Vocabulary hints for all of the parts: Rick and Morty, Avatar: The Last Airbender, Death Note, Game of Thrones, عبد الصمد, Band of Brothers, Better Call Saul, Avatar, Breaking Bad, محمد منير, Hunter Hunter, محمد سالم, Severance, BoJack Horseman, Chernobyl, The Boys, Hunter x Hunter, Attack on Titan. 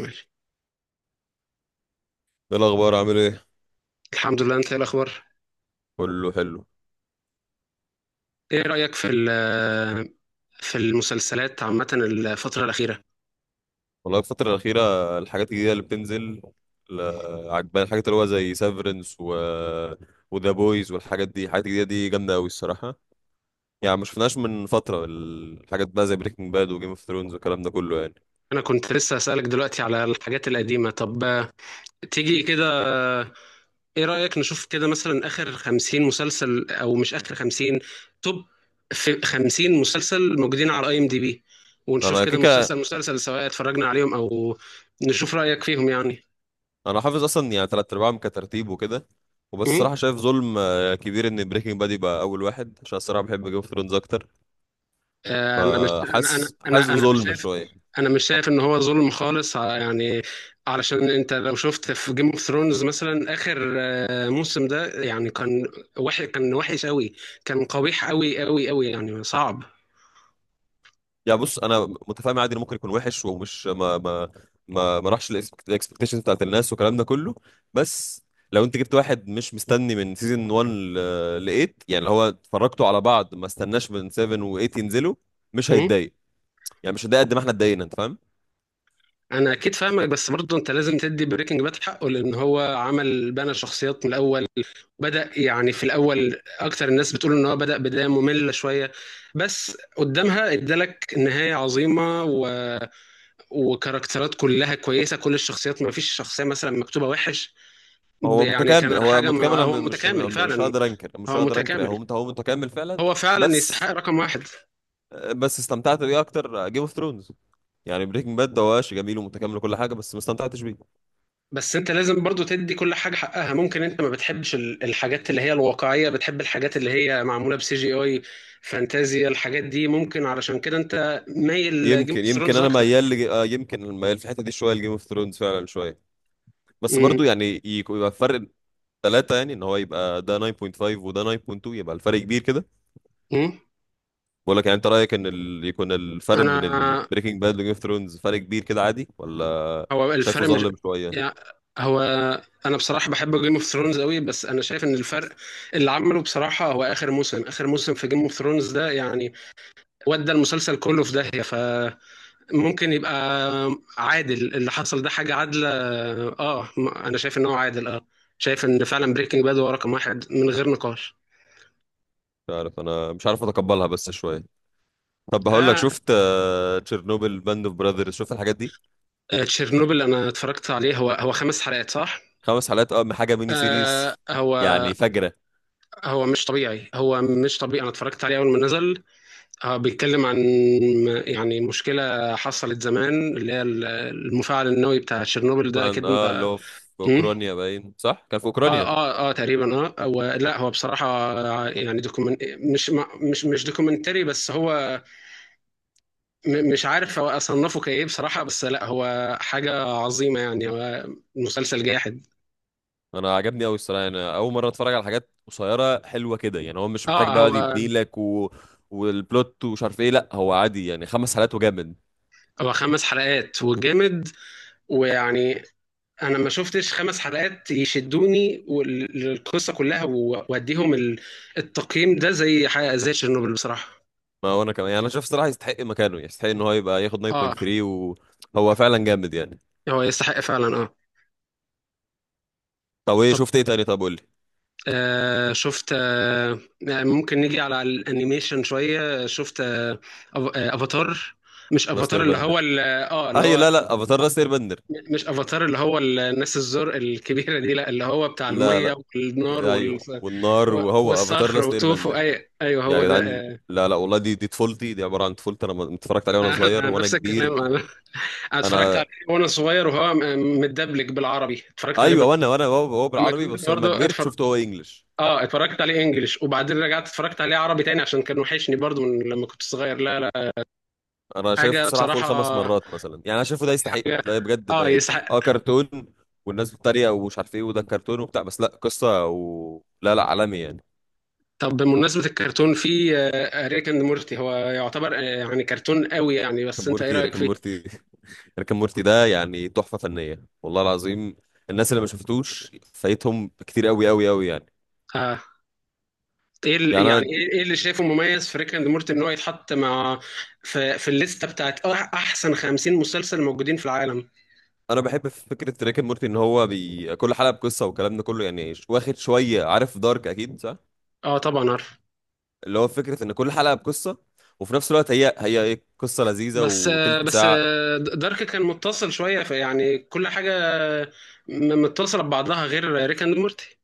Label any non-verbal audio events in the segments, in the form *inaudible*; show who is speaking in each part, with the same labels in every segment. Speaker 1: ماشي.
Speaker 2: ايه الاخبار؟ عامل ايه؟
Speaker 1: الحمد لله، انت ايه الاخبار؟
Speaker 2: كله حلو.
Speaker 1: ايه رايك في في المسلسلات عامه الفتره الاخيره؟
Speaker 2: والله الفتره الاخيره الحاجات الجديده اللي بتنزل ل- عجباني الحاجات اللي هو زي سيفرنس وذا بويز والحاجات دي، الحاجات الجديده دي جامده قوي الصراحه. يعني ما شفناش من فتره الحاجات بقى زي بريكنج باد وجيم اوف ثرونز والكلام ده كله يعني.
Speaker 1: انا كنت لسه اسالك دلوقتي على الحاجات القديمه. طب تيجي كده. ايه رايك نشوف كده مثلا اخر 50 مسلسل، او مش اخر 50 توب، في 50 مسلسل موجودين على اي ام دي بي، ونشوف
Speaker 2: انا
Speaker 1: كده مسلسل
Speaker 2: كيكا،
Speaker 1: مسلسل سواء اتفرجنا عليهم او نشوف رايك فيهم يعني.
Speaker 2: انا حافظ اصلا يعني تلات ارباعهم كترتيب وكده. وبس الصراحه شايف ظلم كبير ان بريكنج باد يبقى اول واحد، عشان الصراحه بحب جيم اوف ثرونز اكتر.
Speaker 1: انا مش انا انا
Speaker 2: فحاسس
Speaker 1: انا مش
Speaker 2: بظلم
Speaker 1: شايف،
Speaker 2: شويه.
Speaker 1: انا مش شايف ان هو ظلم خالص، يعني علشان انت لو شفت في جيم اوف ثرونز مثلا اخر موسم ده يعني كان وحش، كان وحش قوي، كان قبيح قوي قوي قوي يعني صعب.
Speaker 2: يعني بص، انا متفاهم عادي انه ممكن يكون وحش ومش ما راحش الاكسبكتيشنز بتاعت الناس والكلام ده كله. بس لو انت جبت واحد مش مستني من سيزون 1 ل 8، يعني اللي هو اتفرجتوا على بعض ما استناش من 7 و 8 ينزلوا، مش
Speaker 1: مم.
Speaker 2: هيتضايق. يعني مش هيتضايق قد ما احنا اتضايقنا، انت فاهم.
Speaker 1: انا اكيد فاهمك، بس برضه انت لازم تدي بريكنج باد حقه لان هو عمل، بنى شخصيات من الاول. بدا يعني في الاول، اكتر الناس بتقول ان هو بدا بدايه ممله شويه، بس قدامها ادالك نهايه عظيمه، وكاركترات كلها كويسه، كل الشخصيات ما فيش شخصيه مثلا مكتوبه وحش.
Speaker 2: هو
Speaker 1: يعني
Speaker 2: متكامل،
Speaker 1: كان حاجه، ما
Speaker 2: أنا
Speaker 1: هو متكامل
Speaker 2: مش
Speaker 1: فعلا.
Speaker 2: هقدر انكر،
Speaker 1: هو
Speaker 2: هو
Speaker 1: متكامل،
Speaker 2: هو متكامل فعلا.
Speaker 1: هو فعلا يستحق
Speaker 2: بس
Speaker 1: رقم واحد.
Speaker 2: بس استمتعت بيه اكتر جيم اوف ثرونز. يعني بريكنج باد ده هو ماشي جميل ومتكامل وكل حاجه، بس ما استمتعتش بيه.
Speaker 1: بس انت لازم برضو تدي كل حاجه حقها، ممكن انت ما بتحبش الحاجات اللي هي الواقعيه، بتحب الحاجات اللي هي معموله بسي جي اي، فانتازيا، الحاجات دي ممكن علشان كده انت مايل جيم اوف
Speaker 2: يمكن
Speaker 1: ثرونز
Speaker 2: انا
Speaker 1: اكتر.
Speaker 2: ميال لج... آه يمكن ميال في الحته دي شويه لجيم اوف ثرونز فعلا شويه. بس
Speaker 1: م-
Speaker 2: برضو يعني يبقى فرق ثلاثه، يعني ان هو يبقى ده 9.5 وده 9.2، يبقى الفرق كبير كده.
Speaker 1: م.
Speaker 2: بقول لك يعني انت رايك ان يكون الفرق بين
Speaker 1: انا،
Speaker 2: البريكنج باد وجيم اوف ثرونز فرق كبير كده عادي ولا
Speaker 1: هو
Speaker 2: شايفه
Speaker 1: الفرق مش
Speaker 2: ظالم
Speaker 1: يعني،
Speaker 2: شويه؟
Speaker 1: هو، انا بصراحه بحب جيم اوف ثرونز قوي، بس انا شايف ان الفرق اللي عمله بصراحه هو اخر موسم، اخر موسم في جيم اوف ثرونز ده يعني ودى المسلسل كله في داهيه، فممكن يبقى عادل اللي حصل ده، حاجه عادله. اه انا شايف ان هو عادل اه، شايف ان فعلا بريكنج باد هو رقم واحد من غير نقاش.
Speaker 2: مش عارف، انا مش عارف اتقبلها بس شويه. طب هقول لك،
Speaker 1: آه،
Speaker 2: شفت تشيرنوبل باند اوف براذرز؟ شفت الحاجات دي؟
Speaker 1: تشيرنوبل انا اتفرجت عليه. هو خمس حلقات صح؟
Speaker 2: خمس حلقات اه، من حاجه ميني
Speaker 1: آه
Speaker 2: سيريز،
Speaker 1: هو،
Speaker 2: يعني فجره.
Speaker 1: هو مش طبيعي، انا اتفرجت عليه اول ما نزل. اه بيتكلم عن يعني مشكلة حصلت زمان، اللي هي المفاعل النووي بتاع تشيرنوبل ده،
Speaker 2: فان
Speaker 1: اكيد
Speaker 2: اه اللي
Speaker 1: انت
Speaker 2: هو في
Speaker 1: مم؟
Speaker 2: اوكرانيا، باين صح كان في
Speaker 1: اه
Speaker 2: اوكرانيا.
Speaker 1: اه اه تقريبا، اه هو لا هو بصراحة يعني دوكيومنت، مش مش دوكيومنتري، بس هو مش عارف هو اصنفه كايه بصراحة. بس لا هو حاجة عظيمة يعني، هو مسلسل جاحد.
Speaker 2: انا عجبني قوي الصراحه، انا اول مره اتفرج على حاجات قصيره حلوه كده، يعني هو مش محتاج
Speaker 1: اه
Speaker 2: بقى يقعد
Speaker 1: هو،
Speaker 2: يبني لك والبلوت ومش عارف ايه. لا هو عادي يعني، خمس حلقات وجامد.
Speaker 1: هو خمس حلقات وجامد، ويعني انا ما شفتش خمس حلقات يشدوني، والقصه كلها واديهم التقييم ده زي حاجه زي تشيرنوبل بصراحه.
Speaker 2: ما هو انا كمان يعني، انا شايف الصراحه يستحق مكانه، يعني يستحق ان هو يبقى ياخد
Speaker 1: اه
Speaker 2: 9.3، وهو فعلا جامد يعني.
Speaker 1: هو يستحق فعلا اه.
Speaker 2: طب ايه
Speaker 1: طب،
Speaker 2: شفت ايه تاني؟ طب قول لي.
Speaker 1: آه شفت آه ممكن نيجي على الانيميشن شويه، شفت افاتار. مش
Speaker 2: لاست
Speaker 1: افاتار
Speaker 2: اير
Speaker 1: اللي هو
Speaker 2: بندر،
Speaker 1: اه اللي
Speaker 2: ايوه.
Speaker 1: هو،
Speaker 2: لا لا، افاتار لاست اير بندر.
Speaker 1: مش افاتار اللي هو الناس الزرق الكبيره دي، لا اللي هو بتاع
Speaker 2: لا
Speaker 1: الميه
Speaker 2: لا،
Speaker 1: والنار وال...
Speaker 2: ايوه والنار، وهو افاتار
Speaker 1: والصخر
Speaker 2: لاست اير
Speaker 1: وتوفو،
Speaker 2: بندر.
Speaker 1: اي ايوه
Speaker 2: يا
Speaker 1: هو ده
Speaker 2: جدعان،
Speaker 1: آه.
Speaker 2: لا لا والله، دي طفولتي، دي عباره عن طفولتي، انا اتفرجت عليها وانا صغير
Speaker 1: *laughs*
Speaker 2: وانا
Speaker 1: نفس الكلام،
Speaker 2: كبير.
Speaker 1: انا اتفرجت
Speaker 2: انا
Speaker 1: عليه وانا صغير وهو متدبلج بالعربي، اتفرجت عليه
Speaker 2: ايوه، وانا هو
Speaker 1: لما
Speaker 2: بالعربي،
Speaker 1: كبرت
Speaker 2: بس لما
Speaker 1: برضه
Speaker 2: كبرت
Speaker 1: اتفرج.
Speaker 2: شفته هو انجلش.
Speaker 1: اه اتفرجت عليه انجليش وبعدين رجعت اتفرجت عليه عربي تاني عشان كان وحشني برضه من لما كنت صغير. لا لا،
Speaker 2: انا شايفه
Speaker 1: حاجه
Speaker 2: بصراحه فوق
Speaker 1: بصراحه،
Speaker 2: الخمس مرات مثلا، يعني انا شايفه ده يستحق،
Speaker 1: حاجه
Speaker 2: ده بجد
Speaker 1: اه
Speaker 2: ما يعني.
Speaker 1: يسحق.
Speaker 2: اه كرتون، والناس بتتريق ومش عارف ايه وده كرتون وبتاع، بس لا، قصه لا لا، عالمي يعني.
Speaker 1: طب بمناسبة الكرتون، في ريك اند مورتي هو يعتبر يعني كرتون قوي يعني،
Speaker 2: ريكن
Speaker 1: بس انت ايه
Speaker 2: مورتي
Speaker 1: رأيك
Speaker 2: ريكن
Speaker 1: فيه؟
Speaker 2: مورتي *laughs* ريكن مورتي ده يعني تحفه فنيه والله العظيم. الناس اللي ما شفتوش فايتهم كتير قوي قوي قوي يعني.
Speaker 1: آه. ايه
Speaker 2: يعني
Speaker 1: يعني
Speaker 2: انا،
Speaker 1: ايه، إيه اللي شايفه مميز في ريك اند مورتي ان هو يتحط مع في الليستة بتاعت احسن 50 مسلسل موجودين في العالم؟
Speaker 2: انا بحب في فكره ريكن مورتي ان هو كل حلقه بقصه والكلام ده كله يعني، واخد شويه، عارف دارك اكيد صح؟
Speaker 1: اه طبعا عارف.
Speaker 2: اللي هو فكرة ان كل حلقة بقصة، وفي نفس الوقت هي هي قصة لذيذة
Speaker 1: بس
Speaker 2: وتلت
Speaker 1: بس
Speaker 2: ساعة.
Speaker 1: دارك كان متصل شوية، فيعني كل حاجة متصلة ببعضها غير ريك اند مورتي.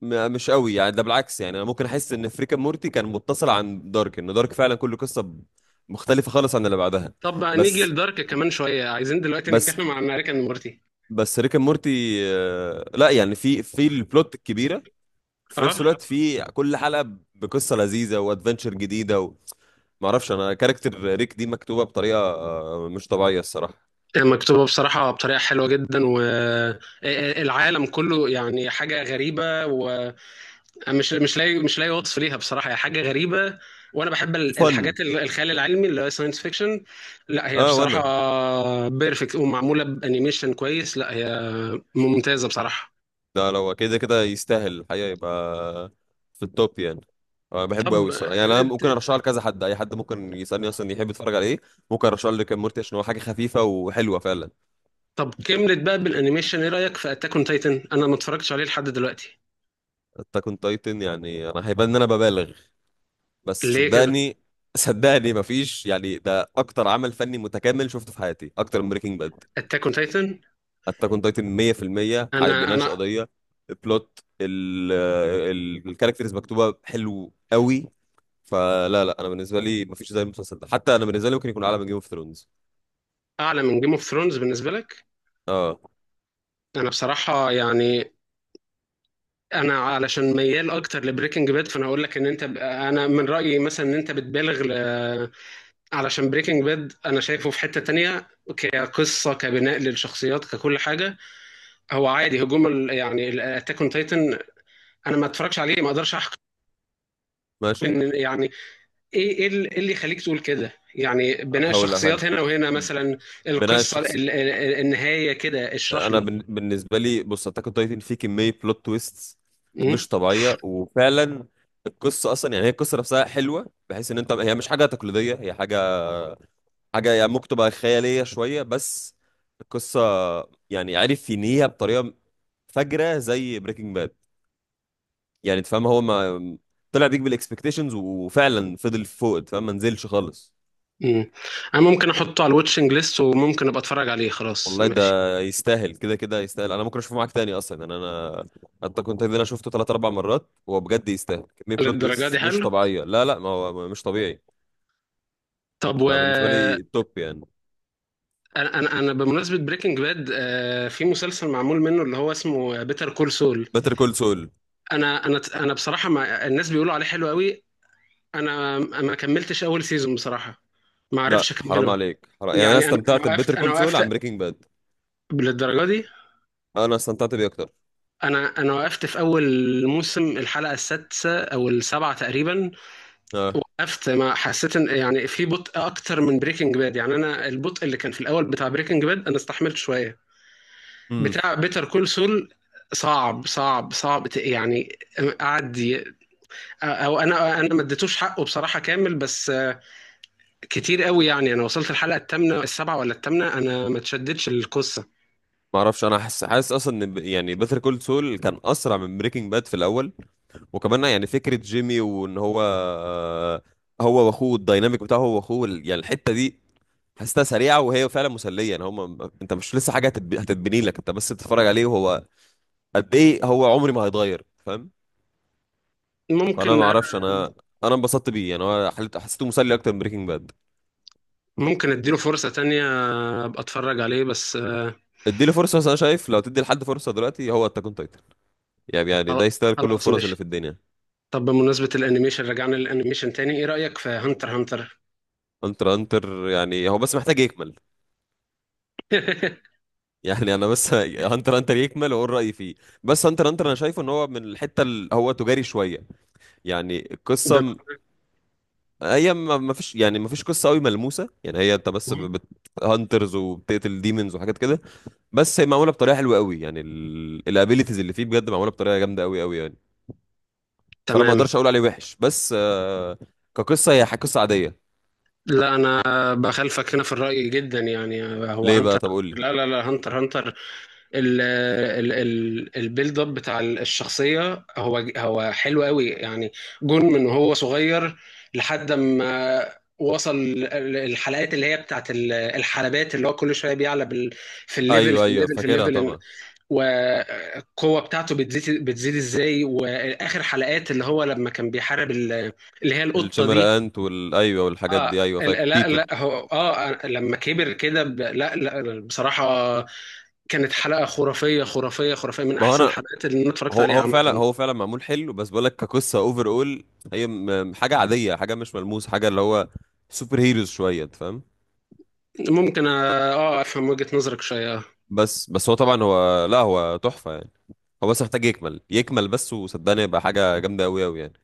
Speaker 2: مش قوي يعني، ده بالعكس يعني، انا ممكن احس ان فريكا مورتي كان متصل عن دارك، ان دارك فعلا كل قصة مختلفة خالص عن اللي بعدها.
Speaker 1: طب بقى نيجي
Speaker 2: بس
Speaker 1: لدارك كمان شوية، عايزين دلوقتي
Speaker 2: بس
Speaker 1: نتكلم عن ريك اند مورتي.
Speaker 2: بس ريكا مورتي لا يعني في في البلوت الكبيرة، في نفس
Speaker 1: اه،
Speaker 2: الوقت في كل حلقة بقصة لذيذة وادفنتشر جديدة معرفش، انا كاركتر ريك دي مكتوبة بطريقة مش طبيعية الصراحة.
Speaker 1: مكتوبة بصراحة بطريقة حلوة جدا، والعالم كله يعني حاجة غريبة ومش، مش لاقي وصف ليها بصراحة، هي حاجة غريبة. وانا بحب
Speaker 2: فن
Speaker 1: الحاجات الخيال العلمي اللي هو ساينس فيكشن. لا هي
Speaker 2: اه، وانا
Speaker 1: بصراحة بيرفكت ومعمولة بانيميشن كويس، لا هي ممتازة بصراحة.
Speaker 2: ده لو كده كده يستاهل الحقيقة، يبقى في التوب يعني. أنا بحبه
Speaker 1: طب،
Speaker 2: قوي الصراحة، يعني أنا ممكن أرشحه لكذا حد، أي حد ممكن يسألني أصلا يحب يتفرج على إيه ممكن أرشحه لكام مورتي، عشان هو حاجة خفيفة وحلوة فعلا.
Speaker 1: طب كملت بقى بالانيميشن، ايه رايك في اتاك اون تايتن؟ انا ما اتفرجتش عليه لحد دلوقتي.
Speaker 2: أتاك أون تايتن، يعني أنا هيبان إن أنا ببالغ، بس
Speaker 1: ليه كده؟
Speaker 2: صدقني، صدقني مفيش، يعني ده أكتر عمل فني متكامل شفته في حياتي أكتر من بريكنج باد.
Speaker 1: اتاك اون تايتن؟
Speaker 2: أتاك أون تايتن 100%
Speaker 1: انا
Speaker 2: بيناقش
Speaker 1: انا
Speaker 2: قضية، البلوت الكاركترز مكتوبة حلو قوي. فلا لا، انا بالنسبه لي مفيش زي المسلسل ده، حتى انا بالنسبه لي ممكن يكون اعلى من جيم اوف ثرونز.
Speaker 1: اعلى من جيم اوف ثرونز بالنسبه لك؟
Speaker 2: اه،
Speaker 1: انا بصراحه يعني، انا علشان ميال اكتر لبريكنج باد، فانا اقول لك ان انت، انا من رايي مثلا ان انت بتبالغ ل... علشان بريكنج باد انا شايفه في حته تانية، كقصه، كبناء للشخصيات، ككل حاجه. هو عادي هجوم ال... يعني اتاك اون تايتن انا ما اتفرجش عليه، ما اقدرش احكم.
Speaker 2: ماشي.
Speaker 1: يعني ايه، ايه إيه اللي يخليك تقول كده يعني، بناء
Speaker 2: هقول لك
Speaker 1: الشخصيات هنا وهنا مثلا،
Speaker 2: بناء
Speaker 1: القصه
Speaker 2: الشخصيه.
Speaker 1: النهايه كده، اشرح
Speaker 2: انا
Speaker 1: لي.
Speaker 2: بالنسبه لي، بص، اتاك اون تايتن فيه كميه بلوت تويست
Speaker 1: مم.
Speaker 2: مش طبيعيه، وفعلا القصه اصلا يعني، هي القصه نفسها حلوه بحيث ان انت، هي مش حاجه تقليديه، هي حاجه، حاجه يعني ممكن تبقى خياليه شويه، بس القصه يعني عرف ينهيها بطريقه فجره زي بريكنج باد. يعني انت فاهم، هو ما طلع بيك بالاكسبكتيشنز، وفعلا فضل فوق، انت فاهم، ما نزلش خالص.
Speaker 1: مم. انا ممكن احطه على الواتشنج ليست وممكن ابقى اتفرج عليه، خلاص
Speaker 2: والله ده
Speaker 1: ماشي.
Speaker 2: يستاهل، كده كده يستاهل، انا ممكن اشوفه معاك تاني اصلا، يعني انا حتى كنت ده انا شفته ثلاث اربع مرات، وهو بجد يستاهل، كمية بلوت
Speaker 1: للدرجه دي
Speaker 2: تويست مش
Speaker 1: حلو؟
Speaker 2: طبيعية، لا لا ما هو مش طبيعي.
Speaker 1: طب و،
Speaker 2: انا بالنسبة لي التوب يعني.
Speaker 1: انا انا بمناسبه بريكنج باد، في مسلسل معمول منه اللي هو اسمه بيتر كول سول.
Speaker 2: بيتر كول سول؟
Speaker 1: انا بصراحه، ما الناس بيقولوا عليه حلو قوي، انا ما كملتش اول سيزون بصراحه، ما
Speaker 2: لا
Speaker 1: عرفتش
Speaker 2: حرام
Speaker 1: اكمله.
Speaker 2: عليك، حرام. يعني انا
Speaker 1: يعني انا، أنا
Speaker 2: استمتعت
Speaker 1: وقفت
Speaker 2: ببيتر
Speaker 1: انا
Speaker 2: كول سول
Speaker 1: وقفت
Speaker 2: عن بريكنج باد.
Speaker 1: للدرجه دي.
Speaker 2: انا استمتعت بيه اكتر.
Speaker 1: انا وقفت في اول موسم الحلقه السادسه او السابعه تقريبا.
Speaker 2: اه.
Speaker 1: وقفت، ما حسيت ان يعني، في بطء اكتر من بريكنج باد يعني. انا البطء اللي كان في الاول بتاع بريكنج باد انا استحملت شويه،
Speaker 2: امم.
Speaker 1: بتاع بيتر كول سول صعب صعب صعب يعني. قعد ي- او انا ما اديتوش حقه بصراحه كامل، بس كتير قوي يعني، انا وصلت الحلقه الثامنه، السابعه ولا الثامنه، انا ما اتشدتش القصه.
Speaker 2: ما اعرفش، انا حاسس، اصلا ان يعني بيتر كول سول كان اسرع من بريكنج باد في الاول. وكمان يعني فكرة جيمي، وان هو هو واخوه، الديناميك بتاعه هو واخوه، يعني الحتة دي حاسسها سريعة، وهي فعلا مسلية، يعني هما، انت مش لسه حاجة هتتبني لك، انت بس بتتفرج عليه، وهو قد ايه، هو عمري ما هيتغير فاهم. فانا ما
Speaker 1: ممكن
Speaker 2: اعرفش،
Speaker 1: أر-
Speaker 2: انا انبسطت بيه يعني، هو حسيته مسلي اكتر من بريكنج باد.
Speaker 1: ممكن اديله فرصه تانية، ابقى اتفرج عليه بس
Speaker 2: اديله فرصة، بس انا شايف لو تدي لحد فرصة دلوقتي هو التاكون تايتن، يعني يعني ده يستاهل كل
Speaker 1: خلاص
Speaker 2: الفرص اللي في
Speaker 1: ماشي.
Speaker 2: الدنيا.
Speaker 1: طب بمناسبة الانيميشن، رجعنا للانيميشن تاني، ايه رأيك في هانتر هانتر؟
Speaker 2: انتر انتر، يعني هو بس محتاج يكمل.
Speaker 1: *laughs*
Speaker 2: يعني انا بس *laughs* هانتر هانتر يكمل واقول رايي فيه. بس هانتر هانتر، انا شايفه ان هو من الحته اللي هو تجاري شويه، يعني القصه
Speaker 1: بما-
Speaker 2: هي ما فيش، يعني ما فيش قصه قوي ملموسه، يعني هي انت بس هانترز وبتقتل ديمونز وحاجات كده، بس هي معموله بطريقه حلوه قوي يعني، الابيليتيز اللي فيه بجد معموله بطريقه جامده قوي قوي يعني. فانا ما
Speaker 1: تمام.
Speaker 2: اقدرش اقول عليه وحش، بس كقصه هي قصه عاديه.
Speaker 1: لا انا بخالفك هنا في الرأي جدا يعني، هو
Speaker 2: ليه بقى؟
Speaker 1: هانتر،
Speaker 2: طب قول لي.
Speaker 1: لا لا لا، هانتر هانتر ال البيلد اب بتاع الشخصية هو حلو قوي يعني، جون من هو صغير لحد ما وصل الحلقات اللي هي بتاعت الحلبات، اللي هو كل شويه بيعلى في الليفل،
Speaker 2: ايوه
Speaker 1: في
Speaker 2: ايوه
Speaker 1: الليفل، في
Speaker 2: فاكرها
Speaker 1: الليفل،
Speaker 2: طبعا.
Speaker 1: والقوة بتاعته بتزيد بتزيد ازاي، واخر حلقات اللي هو لما كان بيحارب اللي هي القطة
Speaker 2: الشمر
Speaker 1: دي.
Speaker 2: انت وال ايوه، والحاجات
Speaker 1: اه
Speaker 2: دي ايوه، فاكر
Speaker 1: لا
Speaker 2: بيتو.
Speaker 1: لا هو اه، لما كبر كده لا لا بصراحة، كانت حلقة خرافية خرافية خرافية من
Speaker 2: ما هو
Speaker 1: احسن
Speaker 2: انا،
Speaker 1: الحلقات اللي انا اتفرجت
Speaker 2: هو
Speaker 1: عليها
Speaker 2: هو فعلا،
Speaker 1: عامة.
Speaker 2: هو فعلا معمول حلو، بس بقول لك كقصه اوفر اول هي حاجه عاديه، حاجه مش ملموس، حاجه اللي هو سوبر هيروز شويه، أنت فاهم.
Speaker 1: ممكن اه، افهم وجهة نظرك شوية آه.
Speaker 2: بس هو طبعا، هو لا هو تحفه يعني، هو بس محتاج يكمل، يكمل بس وصدقني يبقى حاجه جامده قوي قوي يعني.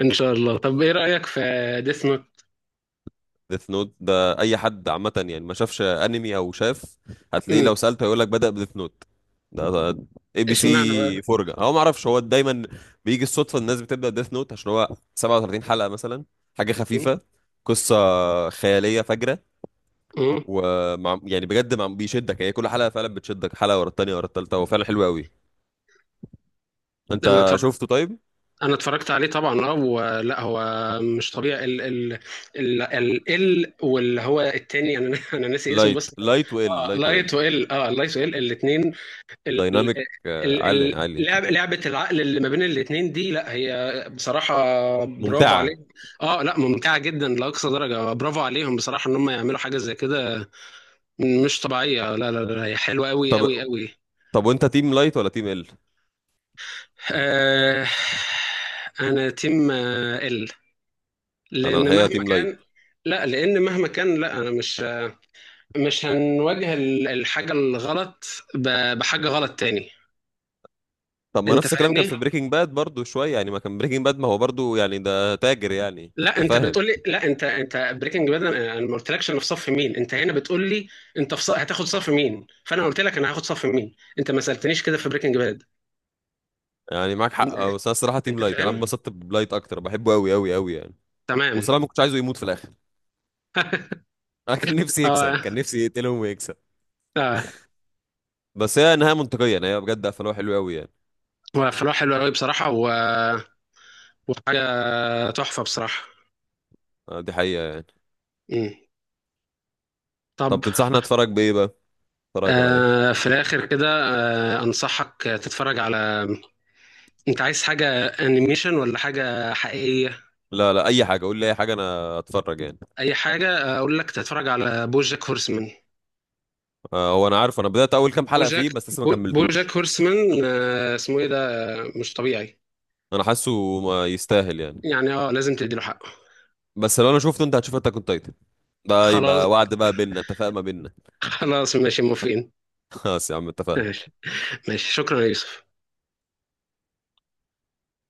Speaker 1: ان شاء الله. طب ايه رأيك في ديث نوت؟
Speaker 2: ديث نوت ده اي حد عامه يعني ما شافش انمي او شاف هتلاقيه، لو سالته هيقول لك بدا بديث نوت. ده اي بي
Speaker 1: اشمعنى بقى؟
Speaker 2: سي فرجه. هو ما اعرفش هو دايما بيجي الصدفه، الناس بتبدا ديث نوت عشان هو 37 حلقه مثلا، حاجه
Speaker 1: مم.
Speaker 2: خفيفه، قصه خياليه فجره،
Speaker 1: مم.
Speaker 2: ومع يعني بجد مع بيشدك، هي كل حلقه فعلا بتشدك، حلقه ورا التانيه ورا التالته، هو فعلا حلو قوي.
Speaker 1: انا
Speaker 2: انت
Speaker 1: اتفرجت
Speaker 2: شفته طيب؟
Speaker 1: انا اتفرجت عليه طبعا اه، ولا هو مش طبيعي. ال واللي هو التاني انا *laughs* انا ناسي اسمه
Speaker 2: لايت
Speaker 1: بس
Speaker 2: لايت وال
Speaker 1: اه
Speaker 2: لايت وال
Speaker 1: لايت وال، اه لايت وال الاثنين،
Speaker 2: دايناميك عالي عالي
Speaker 1: اللعب لعبه العقل اللي ما بين الاثنين دي، لا هي بصراحه برافو
Speaker 2: ممتعه.
Speaker 1: عليهم. اه لا، ممتعه جدا لاقصى درجه، برافو عليهم بصراحه ان هم يعملوا حاجه زي كده. مش طبيعيه، لا لا لا هي حلوه قوي قوي
Speaker 2: طب،
Speaker 1: قوي.
Speaker 2: طب وانت تيم لايت ولا تيم ال؟
Speaker 1: آه، انا تيم ال،
Speaker 2: انا
Speaker 1: لان
Speaker 2: الحقيقه
Speaker 1: مهما
Speaker 2: تيم لايت.
Speaker 1: كان، لا لان مهما كان، لا انا مش، مش هنواجه الحاجه الغلط بحاجه غلط تاني.
Speaker 2: طب ما
Speaker 1: انت
Speaker 2: نفس الكلام كان
Speaker 1: فاهمني،
Speaker 2: في بريكنج باد برضو شويه، يعني ما كان بريكنج باد ما هو برضو يعني ده تاجر يعني،
Speaker 1: لا
Speaker 2: انت
Speaker 1: انت
Speaker 2: فاهم؟
Speaker 1: بتقول لي لا انت، انت بريكنج باد، انا أنا ما قلتلكش انا في صف مين، انت هنا بتقول لي انت في صف، هتاخد صف مين؟ فانا قلت لك انا هاخد صف مين، انت ما سالتنيش كده في بريكنج باد.
Speaker 2: يعني معاك حق بس انا الصراحه تيم
Speaker 1: انت
Speaker 2: لايت، انا
Speaker 1: فاهم؟
Speaker 2: انبسطت بلايت اكتر، بحبه قوي قوي قوي يعني.
Speaker 1: تمام.
Speaker 2: وصراحه ما كنتش عايزه يموت في الاخر. *laughs* انا كان نفسي يكسب،
Speaker 1: اه
Speaker 2: كان نفسي يقتلهم ويكسب.
Speaker 1: اه،
Speaker 2: بس هي نهايه منطقيه، يعني هي بجد قفلوها حلو قوي يعني.
Speaker 1: هو فلاح حلو قوي بصراحه و... وحاجه تحفه بصراحه.
Speaker 2: دي حقيقه يعني.
Speaker 1: مم. طب
Speaker 2: طب تنصحنا اتفرج بايه بقى؟ اتفرج على ايه؟
Speaker 1: في الآخر كده، أنصحك تتفرج على، أنت عايز حاجة أنيميشن ولا حاجة حقيقية؟
Speaker 2: لا لا، اي حاجه، قول لي اي حاجه انا اتفرج يعني.
Speaker 1: أي حاجة؟ أقول لك تتفرج على بوجاك هورسمان.
Speaker 2: هو انا عارف، انا بدات اول كام حلقه
Speaker 1: بوجاك،
Speaker 2: فيه بس لسه ما
Speaker 1: بوجاك
Speaker 2: كملتوش.
Speaker 1: هورسمان، اسمه إيه ده، مش طبيعي
Speaker 2: انا حاسه ما يستاهل يعني.
Speaker 1: يعني. أه، لازم تديله حقه.
Speaker 2: بس لو انا شفته انت هتشوف اتاك اون تايتن، ده
Speaker 1: خلاص،
Speaker 2: يبقى وعد بقى بينا، اتفاق ما بينا.
Speaker 1: خلاص ماشي موافقين.
Speaker 2: *laughs* خلاص يا عم، اتفقنا.
Speaker 1: ماشي ماشي، شكرا يا يوسف.